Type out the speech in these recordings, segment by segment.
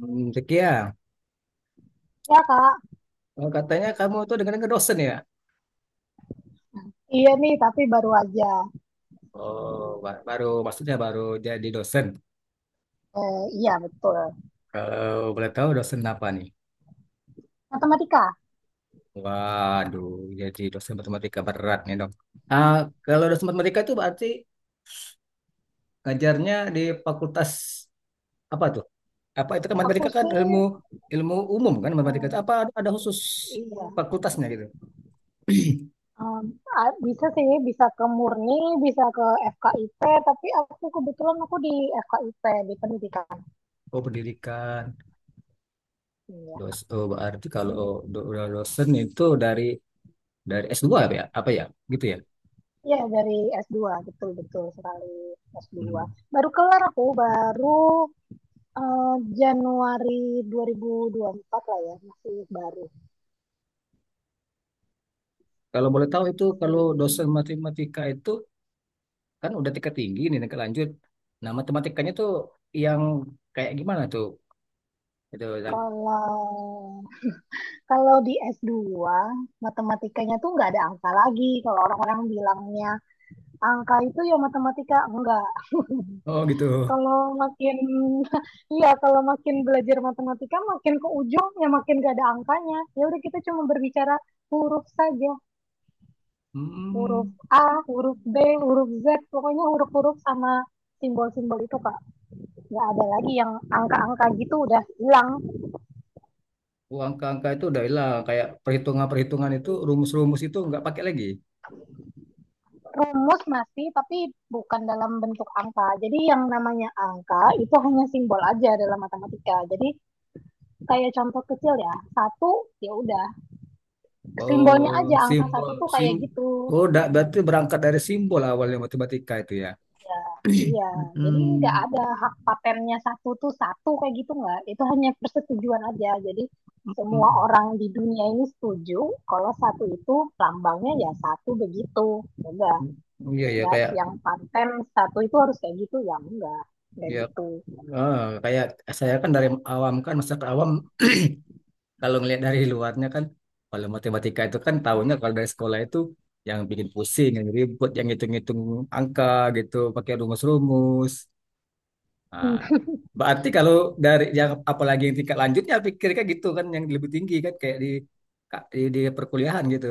Zeki ya. Ya kak, Oh, katanya kamu tuh dengan dosen ya? iya nih tapi baru aja. Oh, baru maksudnya baru jadi dosen. Iya betul. Kalau boleh tahu dosen apa nih? Matematika. Waduh, jadi dosen matematika berat nih dong. Ah, kalau dosen matematika itu berarti ngajarnya di fakultas apa tuh? Apa itu kan Aku matematika kan sih, ilmu ilmu umum kan matematika itu eh, apa ada khusus iya, fakultasnya gitu? em, bisa sih, bisa ke Murni, bisa ke FKIP, tapi aku kebetulan aku di FKIP, di pendidikan. Oh, pendidikan. Iya, Dos, oh, berarti kalau iya, do- dosen itu dari S2 apa ya? Apa ya? Gitu ya? iya. Dari s dua, betul-betul sekali, s dua. Hmm. Baru kelar aku, baru eh, Januari 2024 lah ya, masih baru. Kalau boleh tahu itu kalau Masih. dosen matematika itu kan udah tingkat tinggi nih tingkat lanjut. Nah, matematikanya tuh yang kayak gimana tuh? Gitu. Zak. Kalau Kalau di S2, matematikanya tuh nggak ada angka lagi. Kalau orang-orang bilangnya angka itu ya matematika, enggak. Oh, gitu. Kalau makin, iya, kalau makin belajar matematika, makin ke ujung ya makin nggak ada angkanya. Ya udah kita cuma berbicara huruf saja. Huruf Hmm. A, huruf B, huruf Z, pokoknya huruf-huruf sama simbol-simbol itu, Kak. Nggak ada lagi yang angka-angka gitu, udah hilang. Oh, angka-angka itu udah hilang kayak perhitungan-perhitungan itu rumus-rumus itu nggak pakai lagi. Rumus masih, tapi bukan dalam bentuk angka. Jadi yang namanya angka itu hanya simbol aja dalam matematika. Jadi kayak contoh kecil ya, satu, ya udah simbolnya Oh, aja angka satu simbol, tuh sim kayak gitu. Berarti berangkat dari simbol awalnya matematika itu ya. Ya, iya. Jadi nggak ada hak patennya satu tuh satu kayak gitu, nggak. Itu hanya persetujuan aja. Jadi semua Hmm. orang di dunia ini setuju kalau satu itu lambangnya ya satu, begitu. Udah. Iya ya Ya, kayak yang paten satu itu harus kayak gitu, ya enggak kayak ya gitu. ah, kayak saya kan dari awam kan masyarakat awam. Kalau ngelihat dari luarnya kan kalau matematika itu kan tahunya kalau dari sekolah itu yang bikin pusing, yang ribut, yang ngitung-ngitung angka gitu, pakai rumus-rumus. Nah, Hmm. berarti kalau dari yang apalagi yang tingkat lanjutnya pikirnya gitu kan yang lebih tinggi kan kayak di di perkuliahan gitu.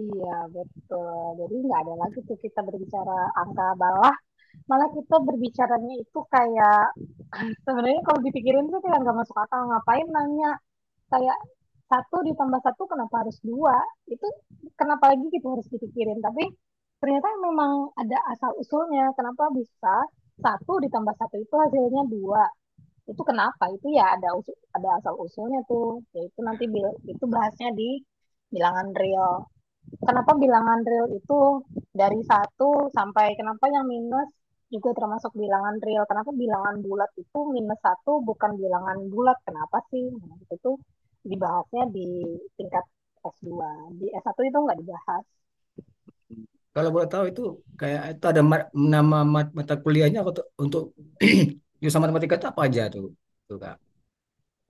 Iya betul, jadi nggak ada lagi tuh kita berbicara angka. Bawah, malah kita berbicaranya itu kayak, sebenarnya kalau dipikirin tuh kayak nggak masuk akal, ngapain nanya kayak satu ditambah satu kenapa harus dua? Itu kenapa lagi kita harus dipikirin? Tapi ternyata memang ada asal usulnya kenapa bisa satu ditambah satu itu hasilnya dua. Itu kenapa itu? Ya ada usul, ada asal usulnya tuh, yaitu nanti itu bahasnya di bilangan real. Kenapa bilangan real itu dari satu sampai, kenapa yang minus juga termasuk bilangan real, kenapa bilangan bulat itu minus satu bukan bilangan bulat, kenapa sih? Nah, itu tuh dibahasnya di tingkat s dua. Di s satu itu nggak dibahas. Kalau boleh tahu itu kayak itu ada nama mata kuliahnya untuk jurusan matematika itu apa aja tuh, Kak?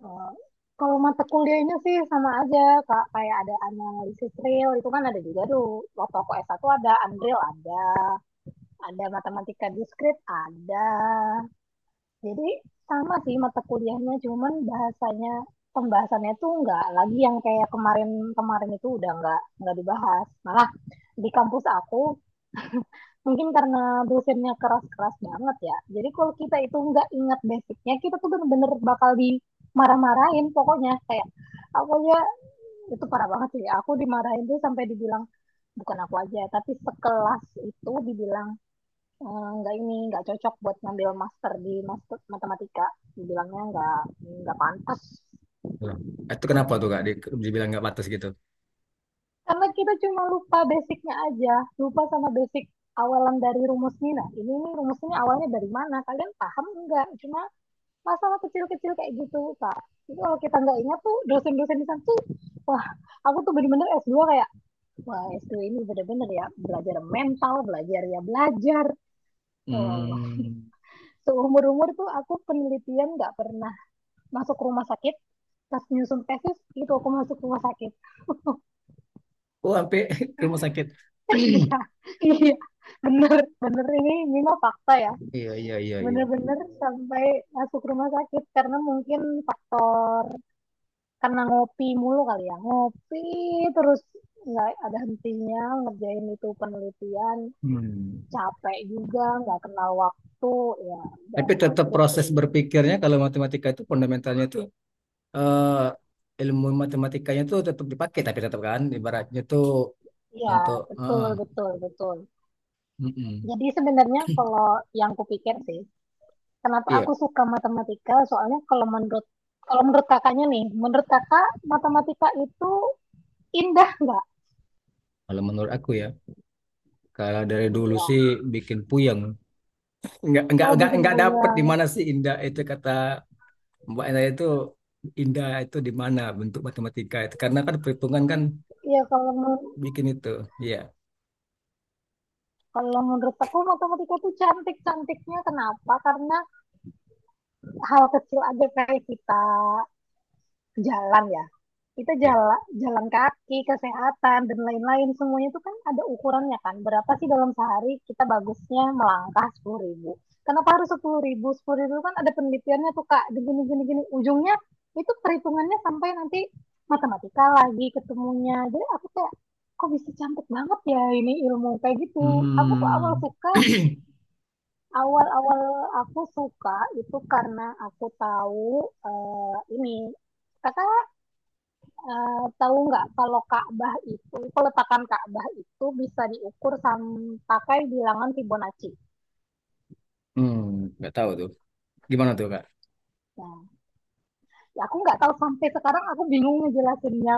Oh, kalau mata kuliahnya sih sama aja, Kak. Kayak ada analisis real, itu kan ada juga tuh. Waktu aku s satu ada, Unreal ada matematika diskrit ada. Jadi sama sih mata kuliahnya, cuman bahasanya, pembahasannya tuh nggak lagi yang kayak kemarin-kemarin itu, udah nggak dibahas. Malah di kampus aku mungkin karena dosennya keras-keras banget ya. Jadi kalau kita itu nggak ingat basicnya, kita tuh bener-bener bakal dimarah-marahin pokoknya. Kayak aku ya, itu parah banget sih. Aku dimarahin tuh sampai dibilang, bukan aku aja, tapi sekelas itu dibilang, "Eh, nggak ini, nggak cocok buat ngambil master di master matematika." Dibilangnya nggak pantas. Gitu. Tuh. Itu kenapa tuh Kak dibilang nggak batas gitu? Karena kita cuma lupa basicnya aja, lupa sama basic awalan dari rumusnya. Nah, ini nih rumusnya awalnya dari mana? Kalian paham nggak? Cuma masalah kecil-kecil kayak gitu, Pak. Jadi kalau kita nggak ingat tuh, dosen-dosen di sana tuh, wah, aku tuh bener-bener s dua kayak, wah, s dua ini bener-bener ya, belajar mental, belajar, ya belajar. Wow, Hmm. seumur-umur tuh aku penelitian nggak pernah masuk rumah sakit, pas nyusun tesis itu aku masuk rumah sakit. Oh, sampai ke rumah sakit. Iya, iya, bener, bener, ini mah fakta ya. Iya, iya, iya, iya. Bener-bener sampai masuk rumah sakit karena mungkin faktor karena ngopi mulu kali ya, ngopi terus nggak ada hentinya ngerjain itu penelitian, Hmm. capek juga, nggak kenal waktu, ya udah Tapi tetap ambruk proses jadinya. berpikirnya kalau matematika itu fundamentalnya itu eh, ilmu matematikanya itu tetap dipakai tapi tetap kan ibaratnya tuh Iya, untuk betul, betul, betul. mm-mm. Jadi sebenarnya kalau yang kupikir sih, kenapa aku Iya, suka matematika? Soalnya kalau menurut kakaknya nih, menurut kakak, matematika itu indah nggak? kalau menurut aku ya. Kalau dari dulu Iya. sih bikin puyeng. Enggak enggak Oh, enggak bikin enggak dapet di goyang. mana sih indah itu kata Mbak Enda itu indah itu di mana bentuk matematika itu karena kan perhitungan kan Iya, kalau bikin itu. Iya. kalau menurut aku matematika itu cantik. Cantiknya kenapa? Karena hal kecil aja kayak kita jalan ya, kita jalan, jalan kaki, kesehatan dan lain-lain, semuanya itu kan ada ukurannya. Kan berapa sih dalam sehari kita bagusnya melangkah 10.000? Kenapa harus 10.000? 10.000 kan ada penelitiannya tuh, Kak, gini gini gini ujungnya, itu perhitungannya, sampai nanti matematika lagi ketemunya. Jadi aku kayak, kok bisa cantik banget ya ini ilmu kayak gitu. Aku tuh awal Hmm. suka, awal-awal aku suka itu karena aku tahu, eh, ini kakak. Tahu nggak kalau Ka'bah itu, peletakan Ka'bah itu bisa diukur pakai bilangan Fibonacci? Hmm, nggak tahu tuh. Gimana tuh, Kak? Nah, ya aku nggak tahu, sampai sekarang aku bingung ngejelasinnya.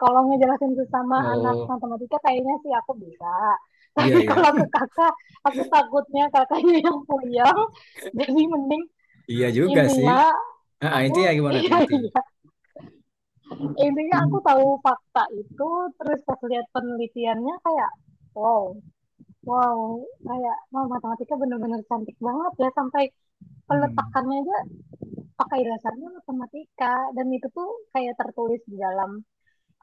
Kalau ngejelasin itu sama anak Oh, matematika kayaknya sih aku bisa. iya, Tapi iya. kalau ke kakak, aku takutnya kakaknya yang puyeng. Jadi mending Iya juga sih. intinya Ah, ah, aku, intinya gimana tuh iya intinya? iya, intinya aku tahu fakta itu, terus pas lihat penelitiannya kayak wow. Wow, kayak wow, matematika bener-bener cantik banget ya, sampai Hmm. peletakannya aja pakai dasarnya matematika, dan itu tuh kayak tertulis di dalam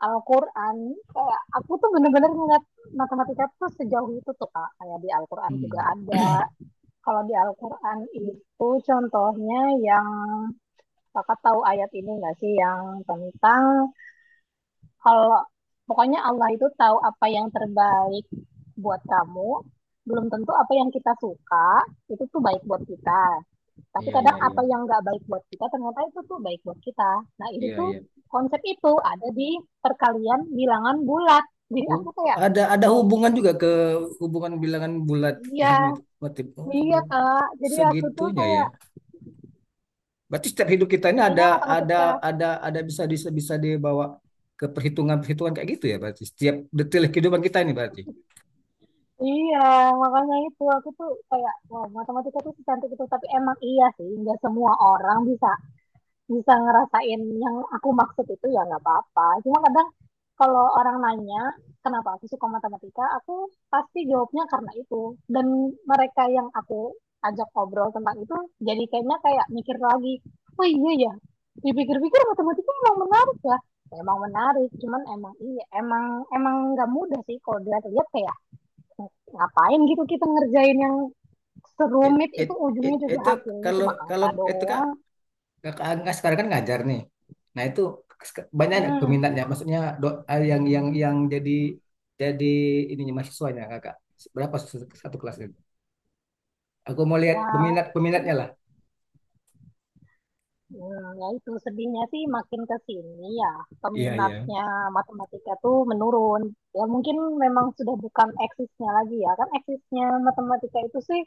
Al-Qur'an. Kayak aku tuh bener-bener ngeliat matematika tuh sejauh itu tuh, Kak. Kayak di Al-Qur'an Hmm. juga ada. Kalau di Al-Qur'an itu contohnya yang, Kakak tahu ayat ini nggak sih yang tentang, kalau pokoknya Allah itu tahu apa yang terbaik buat kamu, belum tentu apa yang kita suka itu tuh baik buat kita. Tapi Iya, kadang iya, iya. apa yang nggak baik buat kita ternyata itu tuh baik buat kita. Nah, itu Iya, tuh iya. konsep itu ada di perkalian bilangan bulat. Jadi Oh, aku kayak ada wow. hubungan juga ke hubungan bilangan bulat Iya sama itu Watim. iya, Oh, Kak. Jadi aku tuh segitunya ya. kayak, Berarti setiap hidup kita ini intinya ada matematika, ada bisa bisa bisa dibawa ke perhitungan-perhitungan kayak gitu ya berarti. Setiap detail kehidupan kita ini berarti. iya, makanya itu aku tuh kayak wow, matematika tuh secantik itu. Tapi emang iya sih nggak semua orang bisa bisa ngerasain yang aku maksud itu, ya nggak apa-apa. Cuma kadang kalau orang nanya kenapa aku suka matematika, aku pasti jawabnya karena itu. Dan mereka yang aku ajak ngobrol tentang itu, jadi kayaknya kayak mikir lagi, oh iya ya, dipikir-pikir matematika emang menarik ya. Emang menarik, cuman emang iya, emang emang nggak mudah sih kalau dilihat-lihat kayak ngapain gitu kita ngerjain yang It, serumit it, itu it, ujungnya juga itu hasilnya kalau cuma kalau angka itu doang. kakak Angga sekarang kan ngajar nih. Nah itu banyak nggak Hmm, peminatnya, maksudnya yang jadi ininya mahasiswanya kakak. Berapa satu kelas itu? Aku mau lihat peminat ya peminatnya lah. Ya, itu sedihnya sih makin ke sini ya, Iya, iya. peminatnya matematika tuh menurun. Ya mungkin memang sudah bukan eksisnya lagi ya. Kan eksisnya matematika itu sih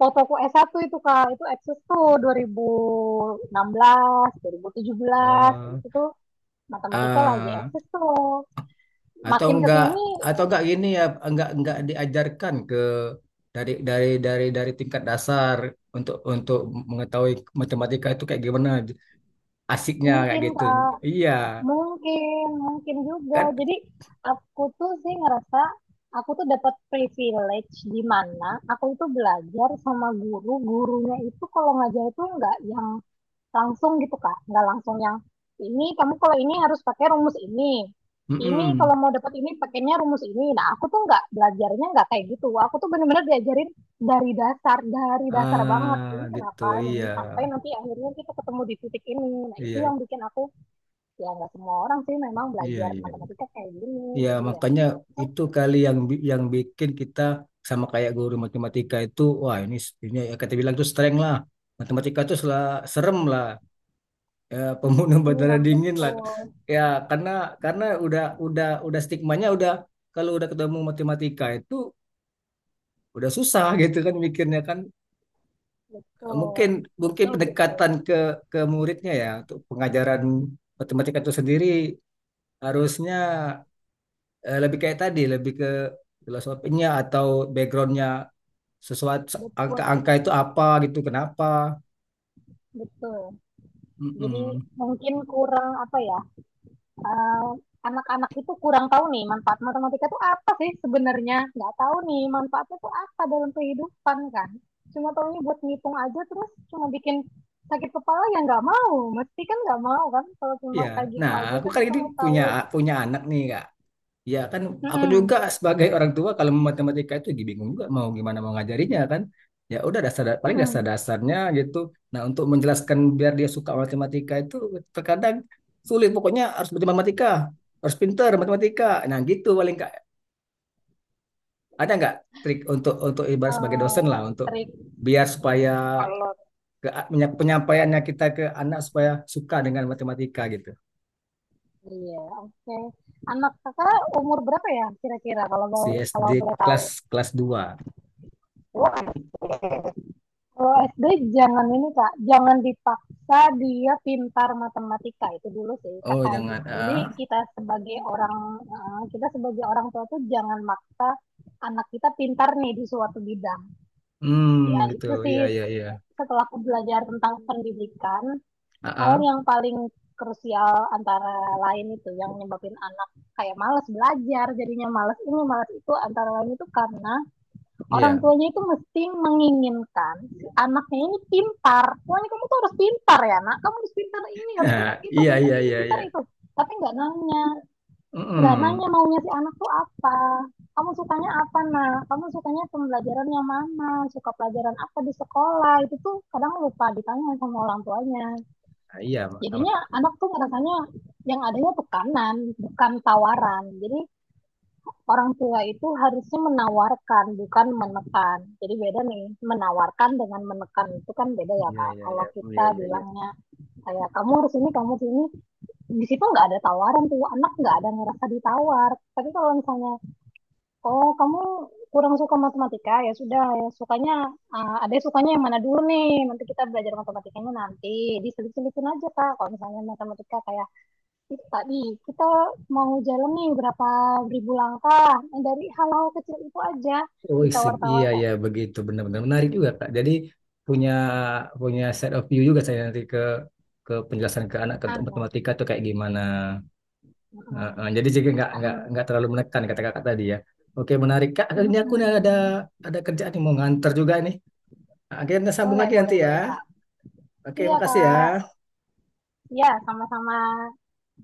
fotoku s satu itu, Kak, itu eksis tuh dua dua ribu ribu enam belas, 2017. Eh, Itu tuh matematika lagi ah, eksis tuh. atau Makin ke enggak sini atau enggak gini ya enggak diajarkan ke dari tingkat dasar untuk mengetahui matematika itu kayak gimana asiknya kayak mungkin, gitu. Kak. Iya. Mungkin, mungkin juga. Kan. Jadi aku tuh sih ngerasa aku tuh dapat privilege di mana aku itu belajar sama guru. Gurunya itu kalau ngajar itu nggak yang langsung gitu, Kak, nggak langsung yang ini kamu kalau ini harus pakai rumus ini. Ini kalau Mm-mm. mau dapat ini pakainya rumus ini. Nah, aku tuh nggak belajarnya nggak kayak gitu. Aku tuh bener-bener diajarin dari dasar banget. Ah, Ini gitu. kenapa ini Iya. sampai nanti akhirnya kita ketemu di titik ini. Nah, itu Iya. yang bikin aku, ya nggak semua orang sih memang Iya, belajar iya. matematika kayak gini, Iya, jadi ya. makanya Oh, itu kali yang yang bikin kita sama kayak guru matematika itu, wah, ini ya kita bilang tuh strength lah. Matematika itu serem lah. Ya, pembunuh iya berdarah dingin lah. betul, Ya, karena udah stigmanya udah kalau udah ketemu matematika itu udah susah gitu kan mikirnya kan. Mungkin betul, mungkin betul, betul, pendekatan ke muridnya ya untuk pengajaran matematika itu sendiri harusnya lebih kayak tadi, lebih ke filosofinya atau backgroundnya sesuatu betul, angka-angka itu apa gitu, kenapa? betul. Jadi Mm-mm. mungkin kurang apa ya, eh, anak-anak itu kurang tahu nih manfaat matematika tuh apa sih. Sebenarnya nggak tahu nih manfaatnya tuh apa dalam kehidupan, kan cuma tahunya buat ngitung aja, terus cuma bikin sakit kepala, ya nggak mau, mesti kan nggak mau kan kalau cuma Ya, kayak gitu nah aja, aku tapi kan ini kalau punya tahu. punya anak nih kak. Ya kan, aku juga Mm-mm. sebagai orang tua kalau matematika itu bingung juga mau gimana mau ngajarinya kan. Ya udah dasar paling Mm-mm. dasar-dasarnya gitu. Nah untuk menjelaskan biar dia suka matematika itu terkadang sulit. Pokoknya harus bermatematika, harus pintar matematika. Nah gitu paling kak. Ada nggak trik untuk ibarat sebagai dosen lah Eh, untuk trik biar supaya kalau, ke, penyampaiannya kita ke anak supaya suka dengan matematika gitu. iya, oke, anak kakak umur berapa ya kira-kira, kalau mau, Si kalau SD boleh tahu? kelas kelas dua. Wah, kalau SD jangan ini, Kak, jangan dipaksa dia pintar matematika itu dulu sih, Oh, Kakak. jangan. Jadi Ah. kita sebagai orang kita sebagai orang tua tuh jangan maksa anak kita pintar nih di suatu bidang. Ya Hmm, gitu. itu sih Iya, iya, iya. setelah aku belajar tentang pendidikan, Ah, hal ah, yang paling krusial antara lain itu yang nyebabin anak kayak malas belajar, jadinya malas ini malas itu, antara lain itu karena orang iya. tuanya itu mesti menginginkan si anaknya ini pintar. Pokoknya kamu tuh harus pintar ya nak, kamu harus pintar ini, harus pintar Ah, itu, iya, pintar iya, ini iya, pintar iya. itu, tapi nggak nanya nggak Mm-mm. nanya maunya si anak tuh apa. Kamu sukanya apa nak, kamu sukanya pembelajaran yang mana, suka pelajaran apa di sekolah, itu tuh kadang lupa ditanya sama orang tuanya. Ah, iya, Mak. Ah, Jadinya anak tuh ngerasanya yang adanya tekanan, bukan tawaran. Jadi orang tua itu harusnya menawarkan, bukan menekan. Jadi beda nih, menawarkan dengan menekan itu kan beda ya, iya, Kak. iya, iya, Kalau iya, kita iya, iya. bilangnya kayak kamu harus ini, di situ nggak ada tawaran tuh, anak nggak ada ngerasa ditawar. Tapi kalau misalnya, oh kamu kurang suka matematika, ya sudah ya, sukanya ah, ada sukanya yang mana dulu nih, nanti kita belajar matematikanya, nanti diselip-selipin aja, Kak, kalau misalnya matematika kayak itu tadi, kita mau jalan nih berapa ribu langkah. Nah, dari hal-hal kecil itu aja Oh, ditawar-tawar iya, kayak iya, begitu. Benar-benar menarik juga, Kak. Jadi punya punya set of view juga saya nanti ke penjelasan ke anak untuk anu, matematika tuh kayak gimana. Mm, Jadi juga anu, nggak terlalu menekan kata kakak tadi ya. Oke menarik kak. Ini aku nih ada mm, ada kerjaan nih mau nganter juga nih. Akhirnya sambung boleh lagi boleh nanti ya. boleh, Kak. Oke Iya, makasih Kak, ya. iya, sama-sama.